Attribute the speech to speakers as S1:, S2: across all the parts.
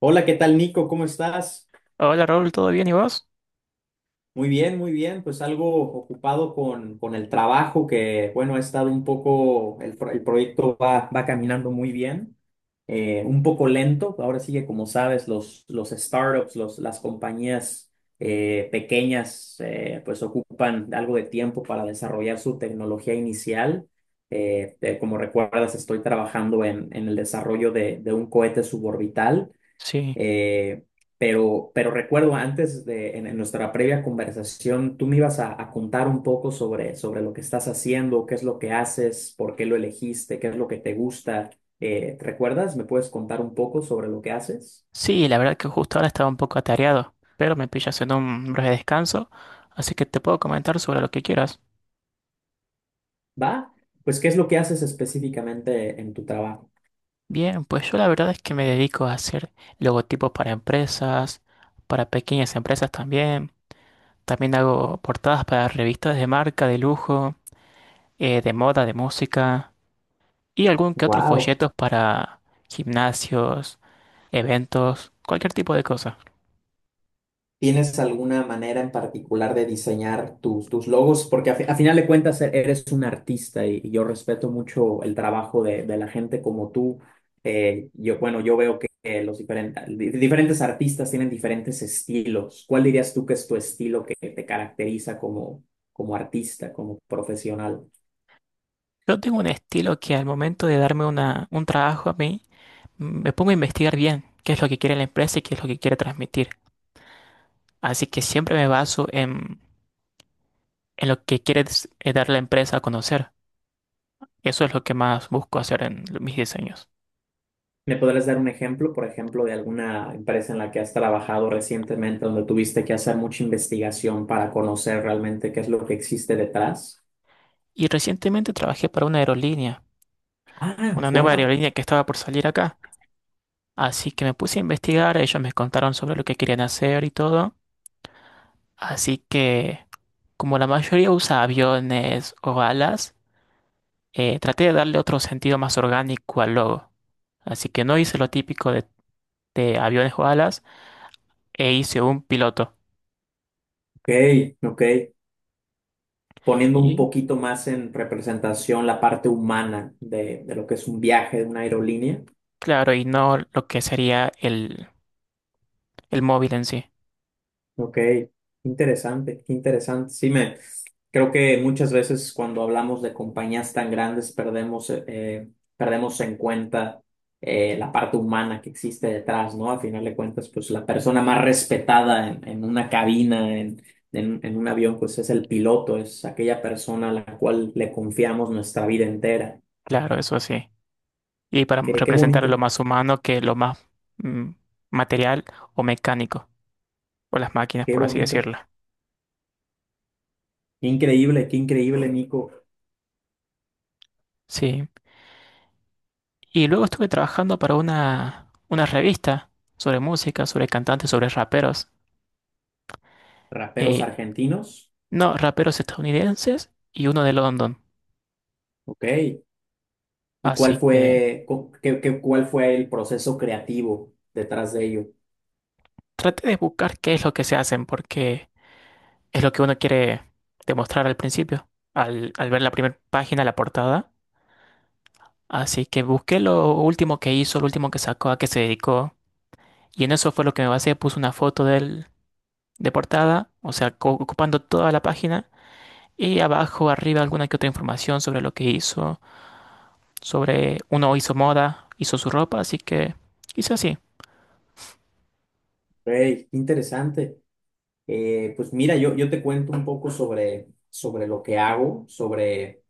S1: Hola, ¿qué tal, Nico? ¿Cómo estás?
S2: Hola Raúl, ¿todo bien y vos?
S1: Muy bien, muy bien. Pues algo ocupado con el trabajo que, bueno, ha estado un poco, el proyecto va caminando muy bien, un poco lento. Ahora sí que, como sabes, los startups, las compañías pequeñas, pues ocupan algo de tiempo para desarrollar su tecnología inicial. Como recuerdas, estoy trabajando en el desarrollo de un cohete suborbital.
S2: Sí,
S1: Eh, pero recuerdo antes de en nuestra previa conversación, tú me ibas a contar un poco sobre lo que estás haciendo, qué es lo que haces, por qué lo elegiste, qué es lo que te gusta. ¿Recuerdas? ¿Me puedes contar un poco sobre lo que haces?
S2: sí, la verdad que justo ahora estaba un poco atareado, pero me pillas en un breve descanso, así que te puedo comentar sobre lo que quieras.
S1: ¿Va? Pues, ¿qué es lo que haces específicamente en tu trabajo?
S2: Bien, pues yo la verdad es que me dedico a hacer logotipos para empresas, para pequeñas empresas también. También hago portadas para revistas de marca, de lujo, de moda, de música y algún que otro
S1: Wow.
S2: folletos para gimnasios, eventos, cualquier tipo de cosa.
S1: ¿Tienes alguna manera en particular de diseñar tus logos? Porque a final de cuentas eres un artista y yo respeto mucho el trabajo de la gente como tú. Yo, bueno, yo veo que los diferentes, diferentes artistas tienen diferentes estilos. ¿Cuál dirías tú que es tu estilo que te caracteriza como artista, como profesional?
S2: Yo tengo un estilo que al momento de darme una, un trabajo a mí, me pongo a investigar bien qué es lo que quiere la empresa y qué es lo que quiere transmitir. Así que siempre me baso en lo que quiere dar la empresa a conocer. Eso es lo que más busco hacer en lo- mis diseños.
S1: ¿Me podrías dar un ejemplo, por ejemplo, de alguna empresa en la que has trabajado recientemente donde tuviste que hacer mucha investigación para conocer realmente qué es lo que existe detrás?
S2: Y recientemente trabajé para una aerolínea,
S1: Ah,
S2: una nueva
S1: wow.
S2: aerolínea que estaba por salir acá. Así que me puse a investigar, ellos me contaron sobre lo que querían hacer y todo. Así que, como la mayoría usa aviones o alas, traté de darle otro sentido más orgánico al logo. Así que no hice lo típico de aviones o alas e hice un piloto.
S1: Ok, ok. Poniendo un
S2: Y
S1: poquito más en representación la parte humana de lo que es un viaje de una aerolínea.
S2: claro, y no lo que sería el móvil en sí.
S1: Ok, interesante, qué interesante. Sí, me creo que muchas veces cuando hablamos de compañías tan grandes perdemos en cuenta la parte humana que existe detrás, ¿no? A final de cuentas, pues la persona más respetada en una cabina, en un avión, pues es el piloto, es aquella persona a la cual le confiamos nuestra vida entera.
S2: Claro, eso sí. Y para
S1: Qué
S2: representar lo
S1: bonito,
S2: más humano que lo más mm, material o mecánico, o las máquinas,
S1: qué
S2: por así
S1: bonito,
S2: decirlo.
S1: qué increíble, qué increíble, Nico.
S2: Sí. Y luego estuve trabajando para una revista sobre música, sobre cantantes, sobre raperos.
S1: Raperos
S2: Eh,
S1: argentinos,
S2: no, raperos estadounidenses y uno de London.
S1: ok. ¿Y cuál
S2: Así que
S1: fue, cu- qué- qué- cuál fue el proceso creativo detrás de ello?
S2: traté de buscar qué es lo que se hacen, porque es lo que uno quiere demostrar al principio, al, al ver la primera página, la portada. Así que busqué lo último que hizo, lo último que sacó, a qué se dedicó. Y en eso fue lo que me basé. Puse una foto de él de portada, o sea, co- ocupando toda la página. Y abajo, arriba, alguna que otra información sobre lo que hizo. Sobre uno hizo moda, hizo su ropa, así que hice así.
S1: Hey, qué interesante. Pues mira, yo te cuento un poco sobre lo que hago. Sobre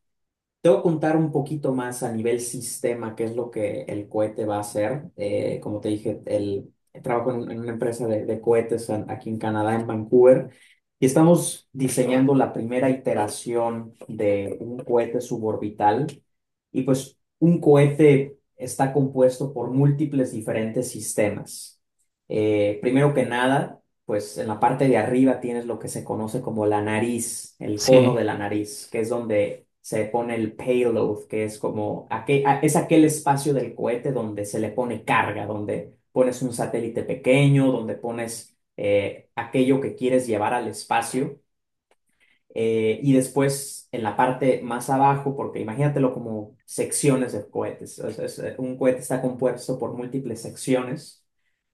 S1: Te voy a contar un poquito más a nivel sistema, qué es lo que el cohete va a hacer. Como te dije, trabajo en una empresa de cohetes aquí en Canadá, en Vancouver, y estamos diseñando la primera iteración de un cohete suborbital. Y pues un cohete está compuesto por múltiples diferentes sistemas. Primero que nada, pues en la parte de arriba tienes lo que se conoce como la nariz, el cono
S2: Sí.
S1: de la nariz, que es donde se pone el payload, que es como es aquel espacio del cohete donde se le pone carga, donde pones un satélite pequeño, donde pones aquello que quieres llevar al espacio. Y después en la parte más abajo, porque imagínatelo como secciones de cohetes. O sea, un cohete está compuesto por múltiples secciones.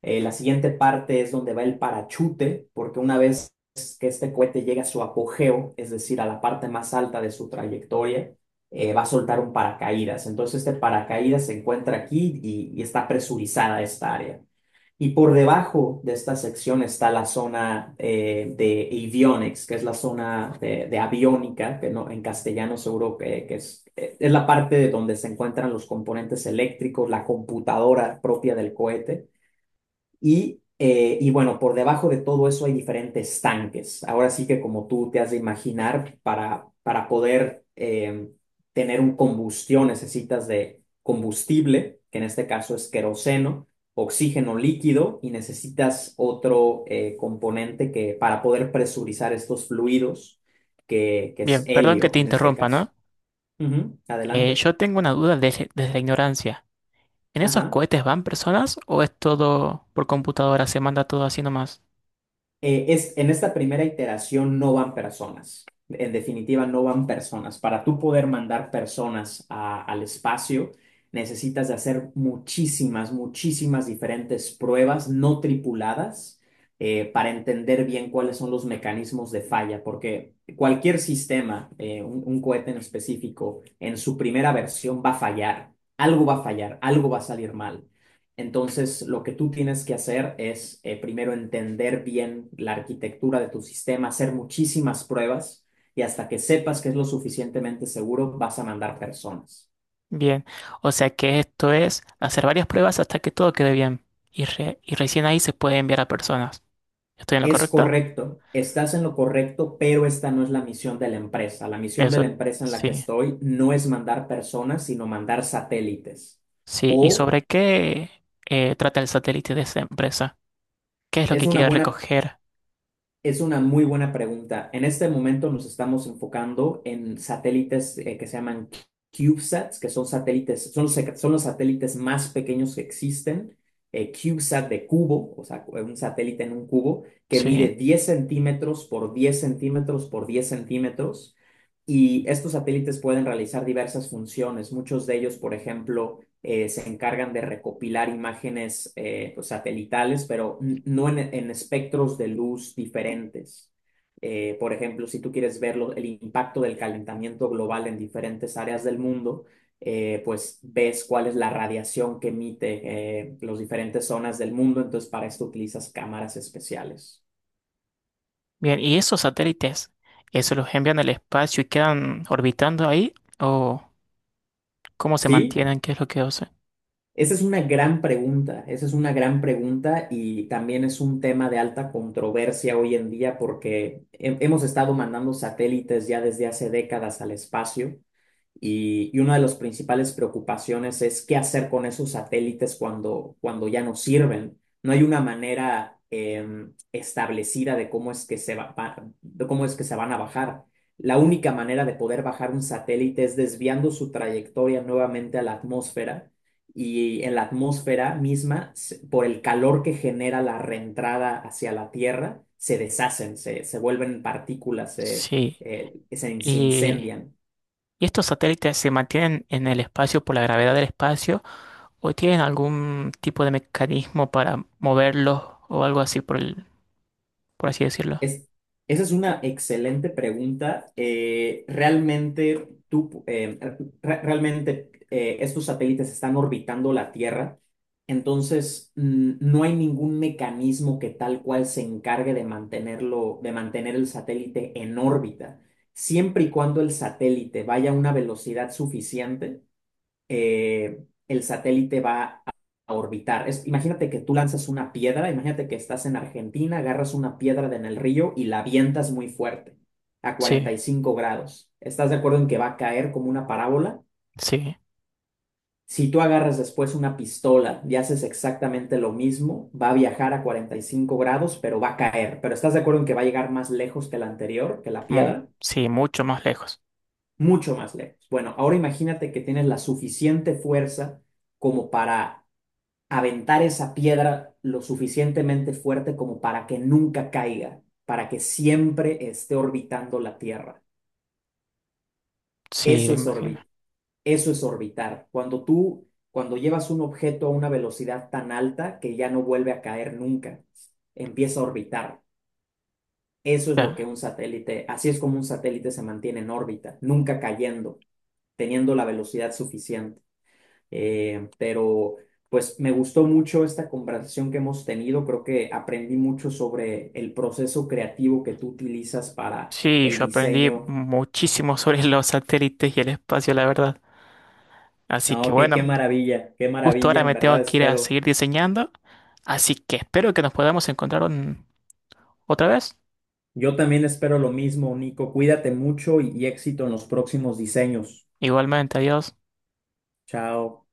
S1: La siguiente parte es donde va el parachute, porque una vez que este cohete llega a su apogeo, es decir, a la parte más alta de su trayectoria, va a soltar un paracaídas. Entonces este paracaídas se encuentra aquí y está presurizada esta área. Y por debajo de esta sección está la zona de avionics, que es la zona de aviónica, que no, en castellano seguro que es la parte de donde se encuentran los componentes eléctricos, la computadora propia del cohete. Y bueno, por debajo de todo eso hay diferentes tanques. Ahora sí que como tú te has de imaginar, para poder tener un combustión necesitas de combustible, que en este caso es queroseno, oxígeno líquido y necesitas otro componente que para poder presurizar estos fluidos, que es
S2: Bien, perdón que
S1: helio
S2: te
S1: en este
S2: interrumpa,
S1: caso.
S2: ¿no?
S1: Ujú, adelante.
S2: Yo tengo una duda desde la ignorancia. ¿En esos
S1: Ajá.
S2: cohetes van personas o es todo por computadora? Se manda todo así nomás.
S1: En esta primera iteración no van personas. En definitiva, no van personas. Para tú poder mandar personas al espacio, necesitas de hacer muchísimas, muchísimas diferentes pruebas no tripuladas para entender bien cuáles son los mecanismos de falla, porque cualquier sistema, un cohete en específico, en su primera versión va a fallar. Algo va a fallar, algo va a salir mal. Entonces, lo que tú tienes que hacer es primero entender bien la arquitectura de tu sistema, hacer muchísimas pruebas y hasta que sepas que es lo suficientemente seguro, vas a mandar personas.
S2: Bien, o sea que esto es hacer varias pruebas hasta que todo quede bien. Y, y recién ahí se puede enviar a personas. ¿Estoy en lo
S1: Es
S2: correcto?
S1: correcto, estás en lo correcto, pero esta no es la misión de la empresa. La misión de
S2: Eso.
S1: la empresa en la que
S2: Sí,
S1: estoy no es mandar personas, sino mandar satélites.
S2: sí. ¿Y
S1: O
S2: sobre qué trata el satélite de esa empresa? ¿Qué es lo
S1: es
S2: que
S1: una
S2: quiere
S1: buena
S2: recoger?
S1: Es una muy buena pregunta. En este momento nos estamos enfocando en satélites que se llaman CubeSats, que son satélites, son los satélites más pequeños que existen. CubeSat de cubo, o sea, un satélite en un cubo que mide
S2: Sí.
S1: 10 cm por 10 cm por 10 centímetros. Y estos satélites pueden realizar diversas funciones. Muchos de ellos, por ejemplo, se encargan de recopilar imágenes pues, satelitales, pero no en espectros de luz diferentes. Por ejemplo, si tú quieres ver el impacto del calentamiento global en diferentes áreas del mundo, pues ves cuál es la radiación que emite las diferentes zonas del mundo, entonces para esto utilizas cámaras especiales.
S2: Bien, ¿y esos satélites, eso los envían al espacio y quedan orbitando ahí? ¿O cómo se
S1: ¿Sí?
S2: mantienen? ¿Qué es lo que hacen?
S1: Esa es una gran pregunta, esa es una gran pregunta y también es un tema de alta controversia hoy en día porque hemos estado mandando satélites ya desde hace décadas al espacio y una de las principales preocupaciones es qué hacer con esos satélites cuando ya no sirven. No hay una manera establecida de cómo es que se van a bajar. La única manera de poder bajar un satélite es desviando su trayectoria nuevamente a la atmósfera y en la atmósfera misma, por el calor que genera la reentrada hacia la Tierra, se deshacen, se vuelven partículas, se,
S2: Sí.
S1: eh, se, se
S2: Y
S1: incendian.
S2: ¿y estos satélites se mantienen en el espacio por la gravedad del espacio o tienen algún tipo de mecanismo para moverlos o algo así por por así decirlo?
S1: Es, esa es una excelente pregunta. Realmente estos satélites están orbitando la Tierra, entonces no hay ningún mecanismo que tal cual se encargue de mantenerlo, de mantener el satélite en órbita. Siempre y cuando el satélite vaya a una velocidad suficiente, el satélite va a orbitar. Imagínate que tú lanzas una piedra, imagínate que estás en Argentina, agarras una piedra de en el río y la avientas muy fuerte, a
S2: Sí,
S1: 45 grados. ¿Estás de acuerdo en que va a caer como una parábola?
S2: sí,
S1: Si tú agarras después una pistola y haces exactamente lo mismo, va a viajar a 45 grados, pero va a caer. Pero ¿estás de acuerdo en que va a llegar más lejos que la anterior, que la
S2: mu-
S1: piedra?
S2: sí, mucho más lejos.
S1: Mucho más lejos. Bueno, ahora imagínate que tienes la suficiente fuerza como para aventar esa piedra lo suficientemente fuerte como para que nunca caiga, para que siempre esté orbitando la Tierra.
S2: Sí, me
S1: Eso es
S2: imagino.
S1: orbi- eso es orbitar. Cuando llevas un objeto a una velocidad tan alta que ya no vuelve a caer nunca, empieza a orbitar. Eso es lo que
S2: Claro.
S1: un satélite, así es como un satélite se mantiene en órbita, nunca cayendo, teniendo la velocidad suficiente. Pero pues me gustó mucho esta conversación que hemos tenido. Creo que aprendí mucho sobre el proceso creativo que tú utilizas para
S2: Sí,
S1: el
S2: yo aprendí
S1: diseño.
S2: muchísimo sobre los satélites y el espacio, la verdad. Así que
S1: No, qué
S2: bueno,
S1: maravilla, qué
S2: justo
S1: maravilla,
S2: ahora
S1: en
S2: me
S1: verdad
S2: tengo que ir a
S1: espero.
S2: seguir diseñando, así que espero que nos podamos encontrar otra vez.
S1: Yo también espero lo mismo, Nico. Cuídate mucho y éxito en los próximos diseños.
S2: Igualmente, adiós.
S1: Chao.